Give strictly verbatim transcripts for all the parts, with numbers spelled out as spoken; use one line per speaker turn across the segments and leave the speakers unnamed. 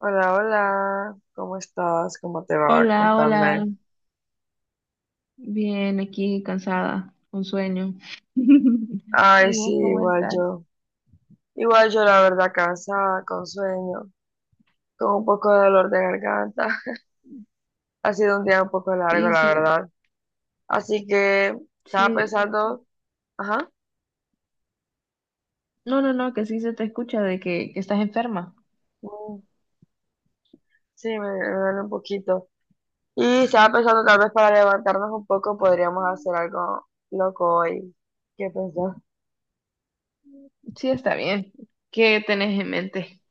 Hola, hola, ¿cómo estás? ¿Cómo te va?
Hola, hola.
Contame.
Bien, aquí cansada, con sueño.
Ay,
¿Y
sí,
vos cómo
igual
estás?
yo. Igual yo, la verdad, cansada, con sueño, con un poco de dolor de garganta. Ha sido un día un poco largo,
Sí,
la
sí,
verdad. Así que estaba
sí.
pensando, ajá,
No, no, no, que sí se te escucha de que, que estás enferma.
mm, sí, me, me duele un poquito. Y estaba pensando, tal vez para levantarnos un poco, podríamos hacer algo loco hoy. ¿Qué pensás?
Sí, está bien. ¿Qué tenés en mente?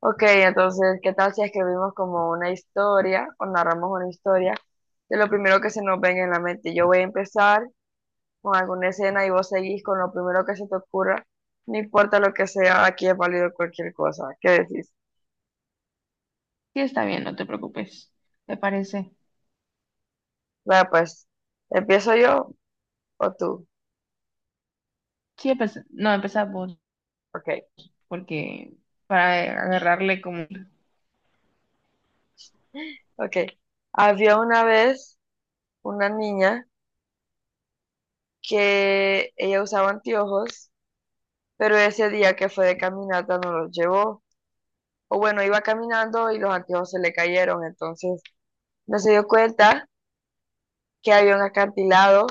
Ok, entonces, ¿qué tal si escribimos como una historia o narramos una historia de lo primero que se nos venga en la mente? Yo voy a empezar con alguna escena y vos seguís con lo primero que se te ocurra, no importa lo que sea, aquí es válido cualquier cosa. ¿Qué decís?
Sí, está bien, no te preocupes. ¿Te parece?
Vaya, pues, ¿empiezo yo o tú?
Sí, empe- no, empezá vos,
Ok.
porque para agarrarle como...
Ok. Había una vez una niña que ella usaba anteojos, pero ese día que fue de caminata no los llevó. O bueno, iba caminando y los anteojos se le cayeron, entonces no se dio cuenta que había un acantilado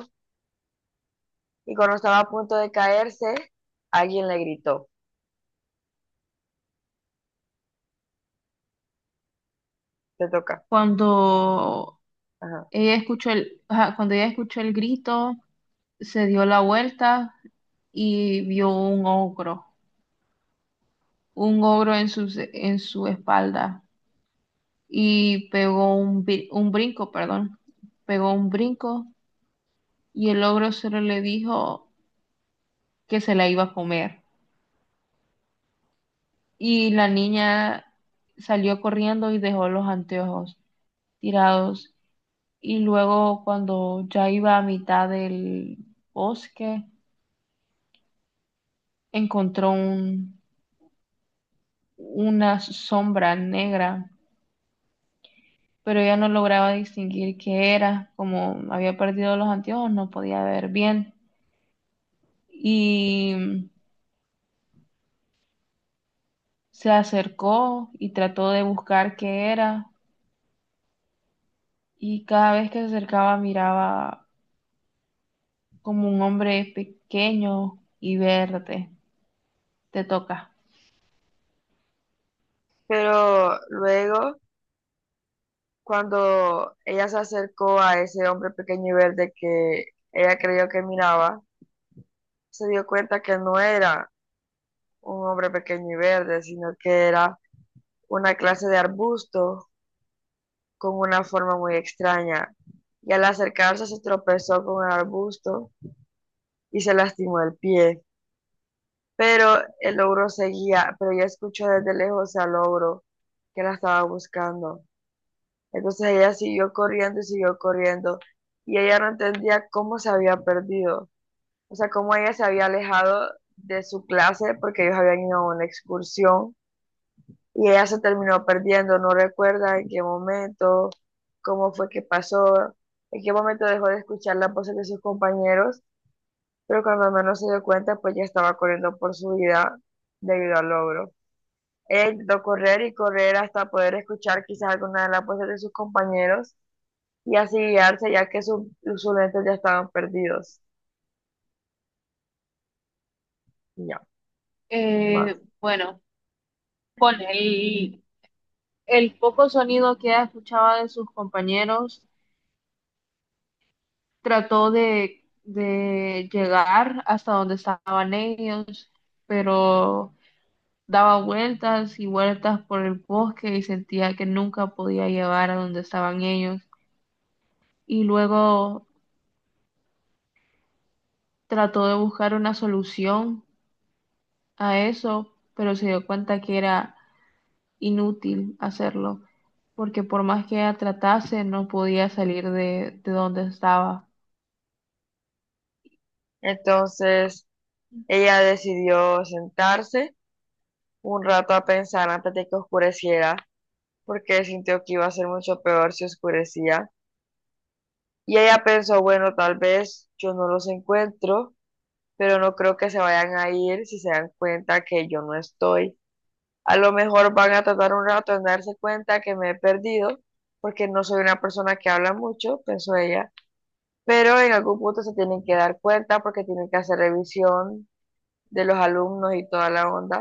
y cuando estaba a punto de caerse, alguien le gritó, te toca.
Cuando
Ajá.
ella escuchó el, ajá, cuando ella escuchó el grito, se dio la vuelta y vio un ogro. Un ogro en su, en su espalda y pegó un, bri- un brinco, perdón, pegó un brinco y el ogro solo le dijo que se la iba a comer. Y la niña salió corriendo y dejó los anteojos tirados. Y luego cuando ya iba a mitad del bosque, encontró un, una sombra negra, pero ella no lograba distinguir qué era. Como había perdido los anteojos, no podía ver bien y se acercó y trató de buscar qué era, y cada vez que se acercaba miraba como un hombre pequeño y verde. Te toca.
Pero luego, cuando ella se acercó a ese hombre pequeño y verde que ella creyó que miraba, se dio cuenta que no era un hombre pequeño y verde, sino que era una clase de arbusto con una forma muy extraña. Y al acercarse se tropezó con el arbusto y se lastimó el pie. Pero el ogro seguía, pero ella escuchó desde lejos al ogro que la estaba buscando. Entonces ella siguió corriendo y siguió corriendo y ella no entendía cómo se había perdido, o sea, cómo ella se había alejado de su clase porque ellos habían ido a una excursión y ella se terminó perdiendo, no recuerda en qué momento, cómo fue que pasó, en qué momento dejó de escuchar las voces de sus compañeros. Pero cuando menos se dio cuenta, pues ya estaba corriendo por su vida debido al logro. Ella intentó correr y correr hasta poder escuchar quizás alguna de las voces de sus compañeros y así guiarse, ya que su- sus lentes ya estaban perdidos. Y ya, más.
Eh, bueno, con el, el poco sonido que ella escuchaba de sus compañeros, trató de, de llegar hasta donde estaban ellos, pero daba vueltas y vueltas por el bosque y sentía que nunca podía llegar a donde estaban ellos. Y luego trató de buscar una solución a eso, pero se dio cuenta que era inútil hacerlo, porque por más que ella tratase, no podía salir de, de donde estaba.
Entonces, ella decidió sentarse un rato a pensar antes de que oscureciera, porque sintió que iba a ser mucho peor si oscurecía. Y ella pensó, bueno, tal vez yo no los encuentro, pero no creo que se vayan a ir si se dan cuenta que yo no estoy. A lo mejor van a tardar un rato en darse cuenta que me he perdido, porque no soy una persona que habla mucho, pensó ella, pero en algún punto se tienen que dar cuenta porque tienen que hacer revisión de los alumnos y toda la onda.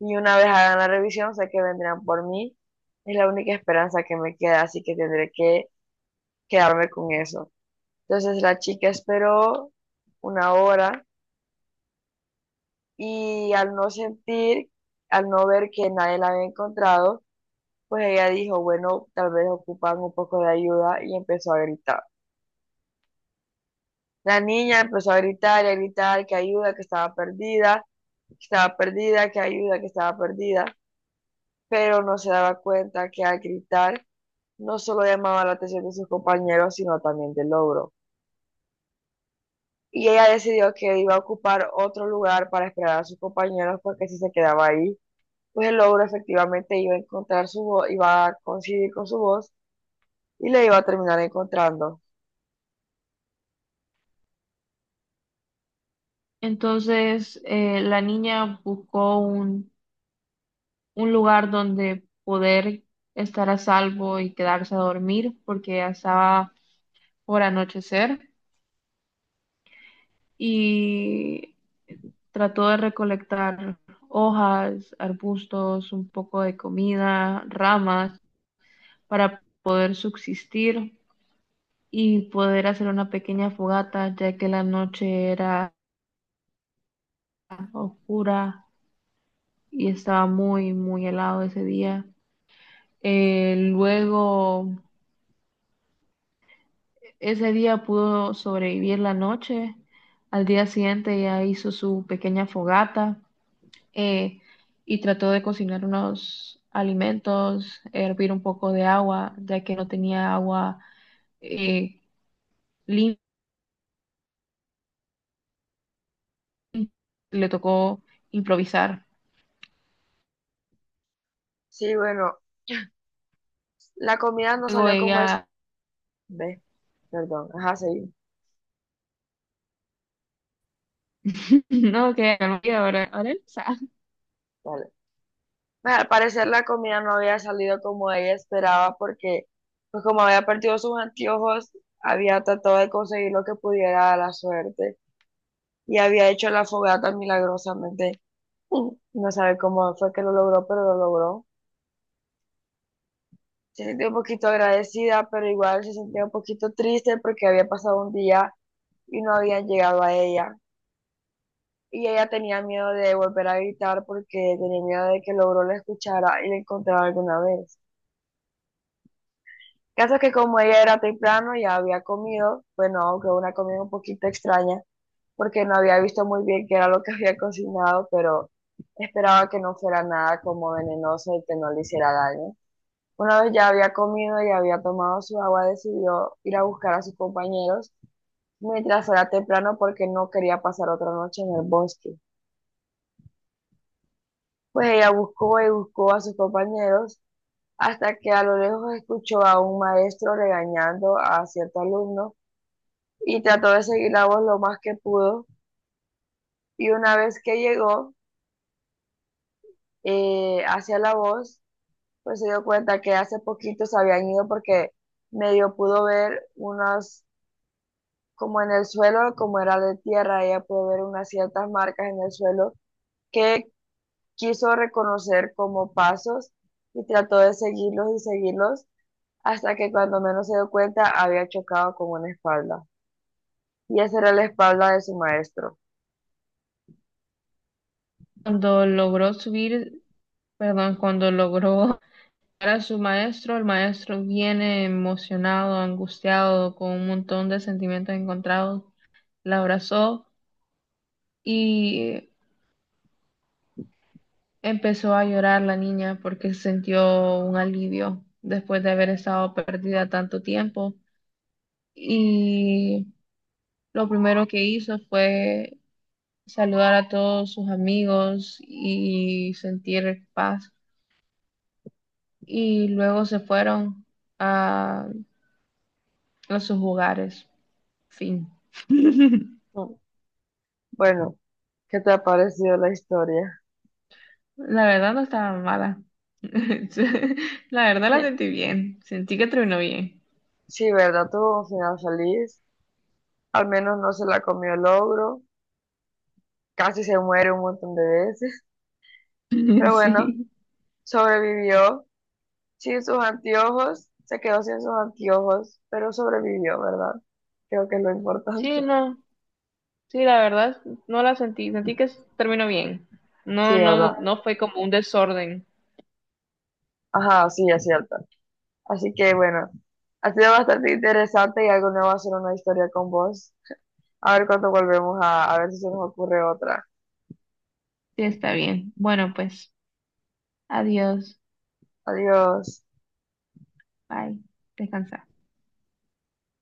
Y una vez hagan la revisión, sé que vendrán por mí. Es la única esperanza que me queda, así que tendré que quedarme con eso. Entonces la chica esperó una hora y al no sentir, al no ver que nadie la había encontrado, pues ella dijo, bueno, tal vez ocupan un poco de ayuda, y empezó a gritar. La niña empezó a gritar y a gritar que ayuda, que estaba perdida, que estaba perdida, que ayuda, que estaba perdida, pero no se daba cuenta que al gritar no solo llamaba la atención de sus compañeros, sino también del logro. Y ella decidió que iba a ocupar otro lugar para esperar a sus compañeros porque si se quedaba ahí, pues el ogro efectivamente iba a encontrar su voz, iba a coincidir con su voz y le iba a terminar encontrando.
Entonces, eh, la niña buscó un, un lugar donde poder estar a salvo y quedarse a dormir porque ya estaba por anochecer. Y trató de recolectar hojas, arbustos, un poco de comida, ramas para poder subsistir y poder hacer una pequeña fogata, ya que la noche era oscura y estaba muy, muy helado ese día. Eh, luego, ese día pudo sobrevivir la noche. Al día siguiente ya hizo su pequeña fogata eh, y trató de cocinar unos alimentos, hervir un poco de agua, ya que no tenía agua eh, limpia, le tocó improvisar.
Sí, bueno, la comida no
Luego
salió como es,
ella,
ve, perdón, ajá, sí,
no, que ahora, ahora él sabe.
vale. Bueno, al parecer la comida no había salido como ella esperaba porque, pues como había perdido sus anteojos, había tratado de conseguir lo que pudiera a la suerte y había hecho la fogata milagrosamente. No sabe cómo fue que lo logró, pero lo logró. Se sentía un poquito agradecida, pero igual se sentía un poquito triste porque había pasado un día y no habían llegado a ella. Y ella tenía miedo de volver a gritar porque tenía miedo de que logró la escuchara y la encontrara alguna vez. Caso es que como ella era temprano, ya había comido, bueno, aunque una comida un poquito extraña, porque no había visto muy bien qué era lo que había cocinado, pero esperaba que no fuera nada como venenoso y que no le hiciera daño. Una vez ya había comido y había tomado su agua, decidió ir a buscar a sus compañeros mientras era temprano porque no quería pasar otra noche en el bosque. Pues ella buscó y buscó a sus compañeros hasta que a lo lejos escuchó a un maestro regañando a cierto alumno y trató de seguir la voz lo más que pudo. Y una vez que llegó eh, hacia la voz, pues se dio cuenta que hace poquito se habían ido porque medio pudo ver unos, como en el suelo, como era de tierra, ella pudo ver unas ciertas marcas en el suelo que quiso reconocer como pasos, y trató de seguirlos y seguirlos hasta que cuando menos se dio cuenta había chocado con una espalda. Y esa era la espalda de su maestro.
Cuando logró subir, perdón, cuando logró llegar a su maestro, el maestro viene emocionado, angustiado, con un montón de sentimientos encontrados, la abrazó y empezó a llorar la niña porque sintió un alivio después de haber estado perdida tanto tiempo, y lo primero que hizo fue saludar a todos sus amigos y sentir paz, y luego se fueron a, a sus hogares. Fin.
Mm, bueno, ¿qué te ha parecido la historia?
La verdad no estaba mala. La verdad la sentí bien. Sentí que terminó bien.
Sí, ¿verdad? Tuvo un final feliz. Al menos no se la comió el ogro. Casi se muere un montón de veces. Pero bueno,
Sí.
sobrevivió. Sin sus anteojos, se quedó sin sus anteojos, pero sobrevivió, ¿verdad? Creo que es lo
Sí,
importante.
no. Sí, la verdad, no la sentí. Sentí que terminó bien. No,
Sí,
no,
¿verdad?
no fue como un desorden.
Ajá, sí, es cierto. Así que bueno, ha sido bastante interesante y algo nuevo hacer una historia con vos. A ver cuándo volvemos a, a ver si se nos ocurre otra.
Sí, está bien. Bueno, pues, adiós.
Adiós.
Bye. Descansa.